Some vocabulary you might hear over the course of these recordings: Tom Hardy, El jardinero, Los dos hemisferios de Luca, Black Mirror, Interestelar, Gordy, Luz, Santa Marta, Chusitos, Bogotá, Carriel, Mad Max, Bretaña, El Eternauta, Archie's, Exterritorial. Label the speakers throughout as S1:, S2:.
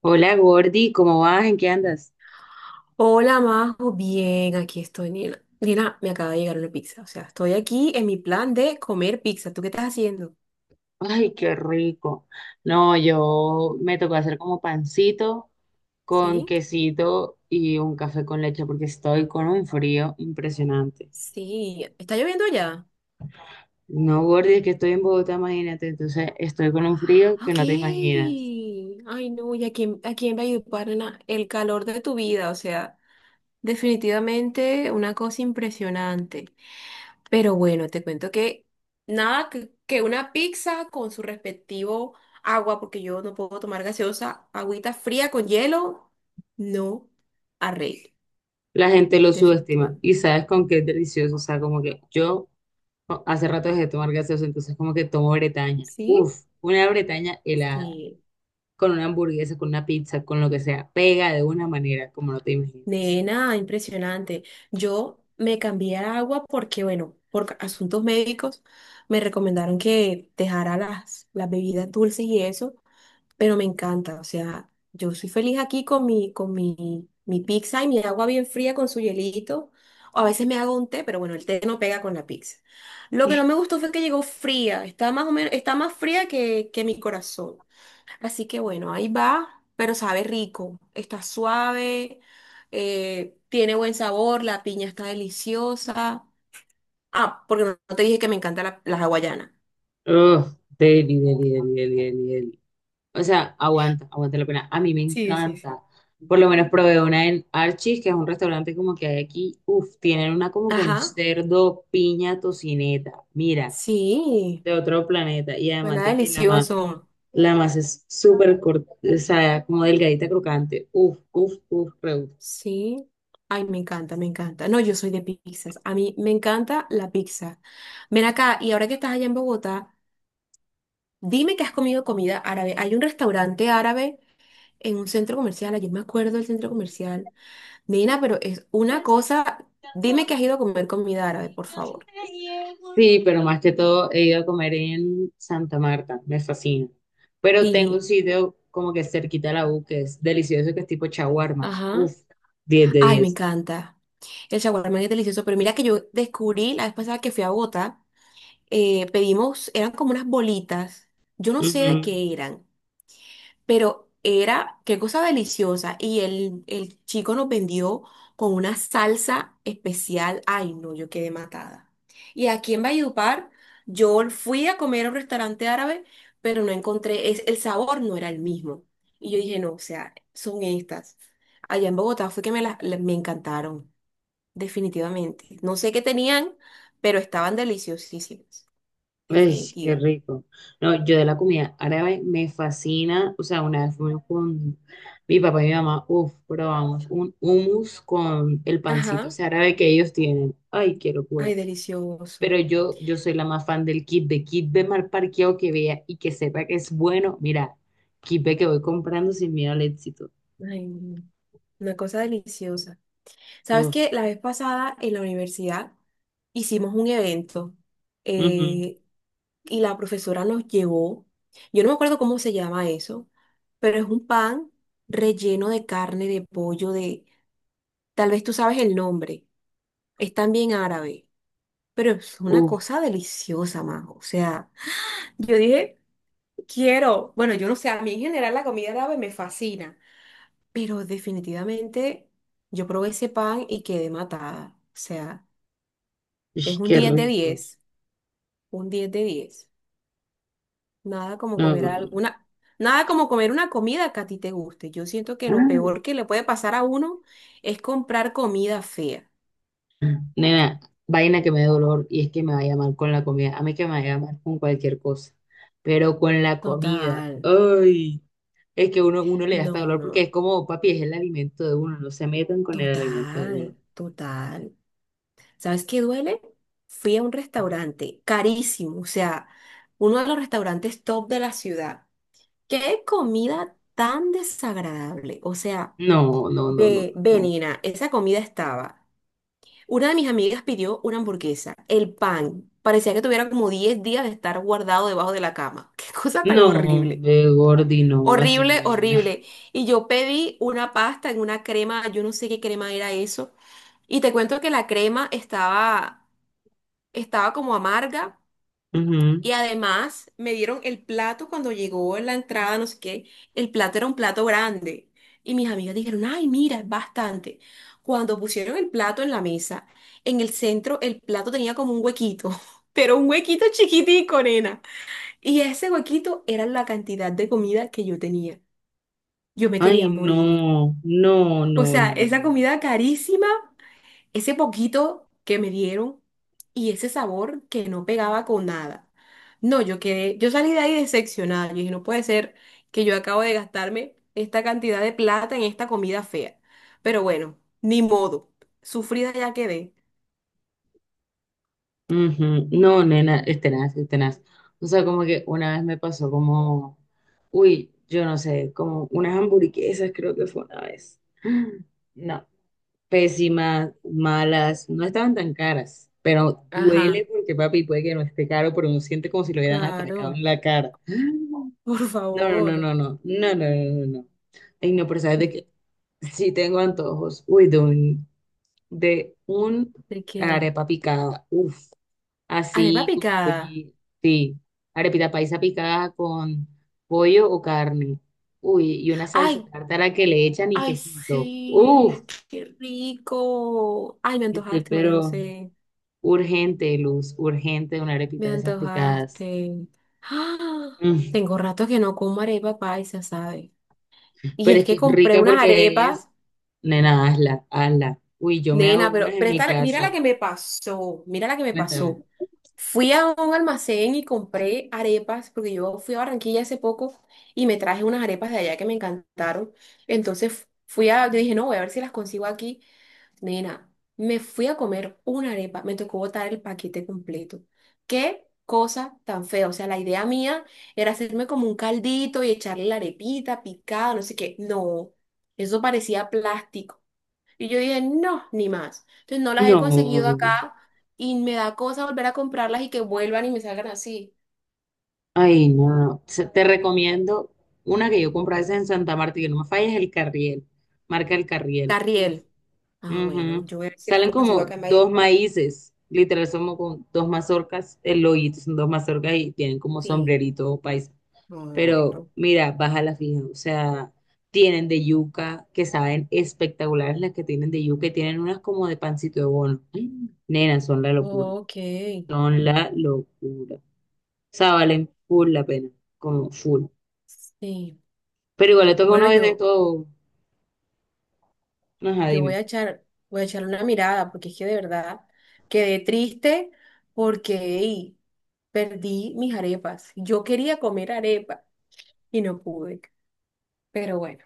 S1: Hola Gordy, ¿cómo vas? ¿En qué andas?
S2: Hola, Majo, bien, aquí estoy, Nina. Nina, me acaba de llegar una pizza, o sea, estoy aquí en mi plan de comer pizza. ¿Tú qué estás haciendo?
S1: Ay, qué rico. No, yo me tocó hacer como pancito con
S2: Sí,
S1: quesito y un café con leche porque estoy con un frío impresionante.
S2: sí, ¿está lloviendo ya?
S1: No, Gordy, es que estoy en Bogotá, imagínate. Entonces estoy con un frío que
S2: Ok.
S1: no te imaginas.
S2: Ay, no, ¿y a quién va a ayudar, nena? El calor de tu vida, o sea, definitivamente una cosa impresionante. Pero bueno, te cuento que nada que una pizza con su respectivo agua, porque yo no puedo tomar gaseosa, agüita fría con hielo, no arreglo.
S1: La gente lo subestima
S2: Definitivamente.
S1: y sabes con qué es delicioso. O sea, como que yo hace rato dejé de tomar gaseosa, entonces como que tomo Bretaña.
S2: ¿Sí?
S1: Uf, una Bretaña helada.
S2: Sí,
S1: Con una hamburguesa, con una pizza, con lo que sea, pega de una manera como no te imaginas.
S2: nena, impresionante. Yo me cambié a agua porque, bueno, por asuntos médicos me recomendaron que dejara las bebidas dulces y eso. Pero me encanta, o sea, yo soy feliz aquí con mi, con mi pizza y mi agua bien fría con su hielito. O a veces me hago un té, pero bueno, el té no pega con la pizza. Lo que no me gustó fue que llegó fría, está más o menos, está más fría que mi corazón. Así que bueno, ahí va, pero sabe rico, está suave, tiene buen sabor, la piña está deliciosa. Ah, porque no te dije que me encanta la hawaiana.
S1: Ugh, deli, deli, deli, deli, deli, deli. O sea, aguanta, aguanta la pena. A mí me
S2: Sí, sí, sí.
S1: encanta. Por lo
S2: Ujú.
S1: menos probé una en Archie's, que es un restaurante como que hay aquí. Uf, tienen una como con
S2: Ajá,
S1: cerdo, piña, tocineta. Mira,
S2: sí.
S1: de otro planeta. Y además
S2: Suena
S1: de que
S2: delicioso.
S1: la masa es súper corta, o sea, como delgadita, crocante. Uf, uf, uf, re.
S2: Sí. Ay, me encanta, me encanta. No, yo soy de pizzas. A mí me encanta la pizza. Ven acá, y ahora que estás allá en Bogotá, dime que has comido comida árabe. Hay un restaurante árabe en un centro comercial. Ayer me acuerdo del centro comercial. Nina, pero es una cosa. Dime que has ido a comer comida árabe, por favor.
S1: Sí, pero más que todo he ido a comer en Santa Marta, me fascina. Pero tengo un
S2: Sí.
S1: sitio como que cerquita a la U que es delicioso, que es tipo shawarma.
S2: Ajá.
S1: Uf, 10 de
S2: Ay, me
S1: 10.
S2: encanta. El shawarma es delicioso, pero mira que yo descubrí la vez pasada que fui a Bogotá. Pedimos, eran como unas bolitas, yo no sé
S1: Ujú.
S2: de qué eran, pero era qué cosa deliciosa. Y el chico nos vendió con una salsa especial. Ay, no, yo quedé matada. Y aquí en Valledupar, yo fui a comer a un restaurante árabe, pero no encontré, es, el sabor no era el mismo. Y yo dije, no, o sea, son estas. Allá en Bogotá fue que me, las me encantaron, definitivamente. No sé qué tenían, pero estaban deliciosísimas.
S1: Ay, qué
S2: Definitiva.
S1: rico. No, yo de la comida árabe me fascina. O sea, una vez fuimos con mi papá y mi mamá, uf, probamos un hummus con el pancito
S2: Ajá.
S1: ese árabe que ellos tienen. Ay, qué
S2: Ay,
S1: locura.
S2: delicioso.
S1: Pero yo soy la más fan del kit de mal parqueado que vea y que sepa que es bueno. Mira, kit de que voy comprando sin miedo al éxito.
S2: Ay, no, una cosa deliciosa. ¿Sabes
S1: Uf,
S2: qué? La vez pasada en la universidad hicimos un evento,
S1: ujú,
S2: eh, y la profesora nos llevó, yo no me acuerdo cómo se llama eso, pero es un pan relleno de carne, de pollo, de... Tal vez tú sabes el nombre, es también árabe, pero es una
S1: uf,
S2: cosa deliciosa, Majo. O sea, yo dije, quiero, bueno, yo no sé, a mí en general la comida árabe me fascina. Pero definitivamente yo probé ese pan y quedé matada. O sea, es
S1: ish,
S2: un
S1: qué
S2: 10 de
S1: rico.
S2: diez, un 10 de diez. Nada como
S1: No,
S2: comer
S1: no, no.
S2: alguna, Nada como comer una comida que a ti te guste. Yo siento que lo
S1: Ah,
S2: peor que le puede pasar a uno es comprar comida fea.
S1: nena, vaina que me dé dolor y es que me vaya mal con la comida. A mí que me vaya mal con cualquier cosa, pero con la comida,
S2: Total.
S1: ay, es que uno le da hasta
S2: No,
S1: dolor porque es
S2: no.
S1: como, papi, es el alimento de uno, no se metan con el alimento de
S2: Total,
S1: uno.
S2: total. ¿Sabes qué duele? Fui a un restaurante carísimo, o sea, uno de los restaurantes top de la ciudad. Qué comida tan desagradable. O sea,
S1: No, no, no, no,
S2: ve,
S1: no,
S2: ve,
S1: no.
S2: Nina, esa comida estaba. Una de mis amigas pidió una hamburguesa, el pan. Parecía que tuviera como 10 días de estar guardado debajo de la cama. Qué cosa tan
S1: No,
S2: horrible.
S1: de Gordi, no, así no
S2: Horrible,
S1: era.
S2: horrible. Y yo pedí una pasta en una crema, yo no sé qué crema era eso. Y te cuento que la crema estaba, estaba como amarga.
S1: Ujú.
S2: Y además me dieron el plato cuando llegó la entrada, no sé qué. El plato era un plato grande. Y mis amigas dijeron, ay, mira, es bastante. Cuando pusieron el plato en la mesa, en el centro el plato tenía como un huequito, pero un huequito chiquitico, nena. Y ese huequito era la cantidad de comida que yo tenía. Yo me quería
S1: Ay,
S2: morir.
S1: no, no,
S2: O
S1: no,
S2: sea,
S1: no,
S2: esa
S1: no.
S2: comida carísima, ese poquito que me dieron y ese sabor que no pegaba con nada. No, yo quedé, yo salí de ahí decepcionada. Yo dije, no puede ser que yo acabo de gastarme esta cantidad de plata en esta comida fea. Pero bueno, ni modo. Sufrida ya quedé.
S1: Ujú. No, nena, es tenaz, es tenaz. O sea, como que una vez me pasó como, uy, yo no sé, como unas hamburguesas creo que fue una vez. No, pésimas, malas, no estaban tan caras, pero duele
S2: Ajá,
S1: porque papi puede que no esté caro, pero uno siente como si lo hubieran atracado
S2: claro.
S1: en la cara.
S2: Por
S1: No, no, no,
S2: favor.
S1: no, no, no, no, no, no, no, no. Ay, no, pero ¿sabes de qué? Sí tengo antojos. Uy, de un
S2: ¿De qué?
S1: arepa picada. Uf,
S2: Arepa
S1: así con
S2: picada.
S1: pollo. Sí, arepita paisa picada con pollo o carne. Uy, y una salsa
S2: Ay,
S1: tártara que le echan y
S2: ay,
S1: quesito. Uf,
S2: sí, qué rico. Ay, me
S1: estoy
S2: antojaste, María
S1: pero
S2: José.
S1: urgente, Luz, urgente una
S2: Me
S1: arepita de esas picadas.
S2: antojaste. ¡Ah!
S1: Mm,
S2: Tengo rato que no como arepa paisa, ¿sabes? Y
S1: pero
S2: es
S1: es que
S2: que
S1: es
S2: compré
S1: rica
S2: unas
S1: porque es...
S2: arepas.
S1: Nena, hazla, hazla. Uy, yo me hago
S2: Nena,
S1: unas
S2: pero,
S1: en
S2: pero
S1: mi
S2: mira la
S1: casa.
S2: que me pasó, mira la que me
S1: Cuéntame.
S2: pasó. Fui a un almacén y compré arepas, porque yo fui a Barranquilla hace poco y me traje unas arepas de allá que me encantaron. Entonces fui a, yo dije, no, voy a ver si las consigo aquí. Nena, me fui a comer una arepa, me tocó botar el paquete completo. Qué cosa tan fea. O sea, la idea mía era hacerme como un caldito y echarle la arepita picada, no sé qué. No, eso parecía plástico. Y yo dije, no, ni más. Entonces no las he conseguido
S1: No.
S2: acá y me da cosa volver a comprarlas y que vuelvan y me salgan así.
S1: Ay, no, no. Se- Te recomiendo una que yo compré esa en Santa Marta y que no me falles, el Carriel. Marca el Carriel. Uf.
S2: Carriel. Ah,
S1: Ujú.
S2: bueno, yo voy a ver si las
S1: Salen
S2: consigo acá
S1: como
S2: en
S1: dos
S2: Valledupar.
S1: maíces. Literal, somos con dos mazorcas. El hoyito son dos mazorcas y tienen como
S2: Sí,
S1: sombrerito paisa.
S2: no,
S1: Pero
S2: bueno.
S1: mira, baja la fija. O sea, tienen de yuca que saben espectaculares las que tienen de yuca y tienen unas como de pancito de bono. Mm. Nena, son la locura.
S2: Ok,
S1: Son la locura. O sea, valen full la pena. Como full.
S2: sí.
S1: Pero igual le toca
S2: Bueno,
S1: una vez de
S2: yo,
S1: todo. Ajá,
S2: yo
S1: dime.
S2: voy a echar una mirada porque es que de verdad quedé triste porque ey, perdí mis arepas. Yo quería comer arepa y no pude. Pero bueno,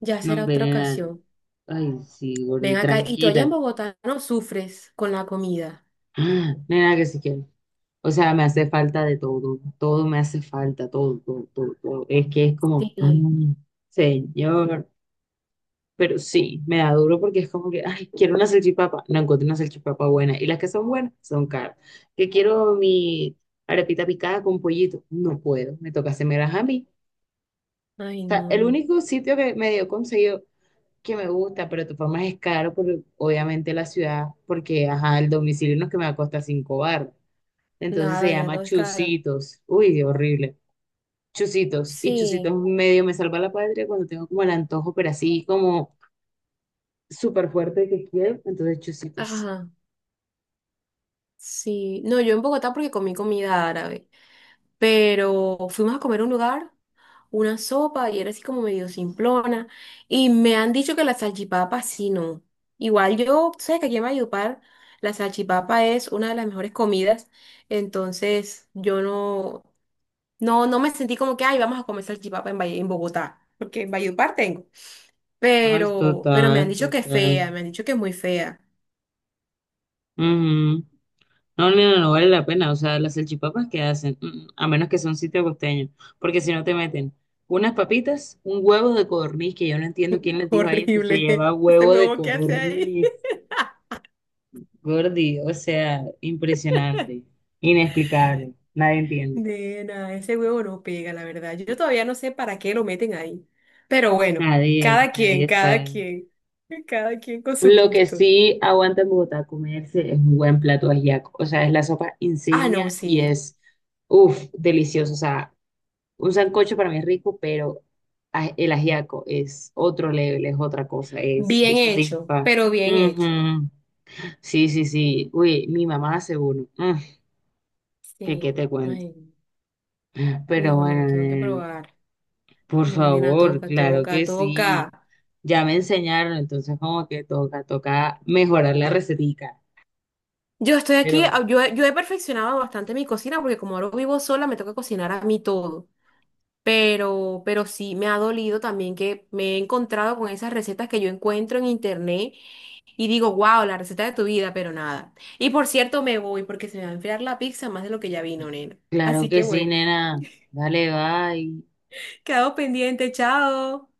S2: ya
S1: No,
S2: será
S1: hombre,
S2: otra
S1: nena.
S2: ocasión.
S1: Ay, sí, gordi,
S2: Ven acá, y tú allá en
S1: tranquila.
S2: Bogotá no sufres con la comida.
S1: Ah, nena, que si quiero. O sea, me hace falta de todo. Todo me hace falta, todo, todo, todo, todo. Es que es como,
S2: Sí,
S1: mm, señor. Pero sí, me da duro porque es como que, ay, quiero una salchipapa. No encuentro una salchipapa buena. Y las que son buenas son caras. Que quiero mi arepita picada con pollito. No puedo. Me toca hacerme a mí.
S2: ay,
S1: O sea, el
S2: no,
S1: único sitio que medio conseguido que me gusta, pero de todas formas es caro, por, obviamente la ciudad, porque ajá, el domicilio no es que me va a costar cinco bar. Entonces se
S2: nada, ya
S1: llama
S2: todo es caro.
S1: Chusitos. Uy, horrible. Chusitos. Y Chusitos
S2: Sí,
S1: medio me salva la patria cuando tengo como el antojo, pero así como súper fuerte que quiero. Entonces Chusitos.
S2: ajá, sí. No, yo en Bogotá porque comí comida árabe, pero fuimos a comer a un lugar, una sopa, y era así como medio simplona, y me han dicho que la salchipapa sí no. Igual yo, tú sabes que aquí en Valledupar la salchipapa es una de las mejores comidas, entonces yo no, no, no me sentí como que, ay, vamos a comer salchipapa en, Valle- en Bogotá, porque en Valledupar tengo.
S1: Ay,
S2: Pero me han
S1: total,
S2: dicho que es
S1: total.
S2: fea, me han dicho que es muy fea.
S1: Ujú. No, no, no, no vale la pena. O sea, las salchipapas que hacen, mm, mm, a menos que sea un sitio costeño, porque si no te meten unas papitas, un huevo de codorniz, que yo no entiendo quién les dijo a ellos que se
S2: Horrible.
S1: lleva
S2: Ese
S1: huevo de
S2: huevo que hace ahí.
S1: codorniz, gordi. O sea, impresionante, inexplicable. Nadie entiende.
S2: Nena, ese huevo no pega, la verdad. Yo todavía no sé para qué lo meten ahí. Pero bueno,
S1: Nadie, nadie
S2: cada
S1: sabe.
S2: quien, cada quien con su
S1: Lo que
S2: gusto.
S1: sí aguanta en Bogotá comerse es un buen plato ajiaco. O sea, es la sopa
S2: Ah, no,
S1: insignia y
S2: sí.
S1: es, uff, delicioso. O sea, un sancocho para mí es rico, pero el ajiaco es otro level, es otra cosa, es
S2: Bien
S1: eso te
S2: hecho,
S1: infa.
S2: pero bien hecho.
S1: Ujú. Sí, sí, sí. Uy, mi mamá hace uno. Mm, que qué
S2: Sí.
S1: te cuento.
S2: Ay,
S1: Pero
S2: no, no,
S1: bueno,
S2: tengo que
S1: nena,
S2: probar.
S1: por
S2: No, nena,
S1: favor,
S2: toca,
S1: claro
S2: toca,
S1: que
S2: toca.
S1: sí. Ya me enseñaron, entonces como que toca, toca mejorar la recetica.
S2: Yo estoy aquí,
S1: Pero
S2: yo he perfeccionado bastante mi cocina porque como ahora vivo sola me toca cocinar a mí todo. Pero sí me ha dolido también que me he encontrado con esas recetas que yo encuentro en internet y digo, wow, la receta de tu vida, pero nada. Y por cierto, me voy porque se me va a enfriar la pizza más de lo que ya vino, nena.
S1: claro
S2: Así
S1: que
S2: que
S1: sí,
S2: bueno,
S1: nena. Dale, bye.
S2: quedado pendiente, chao.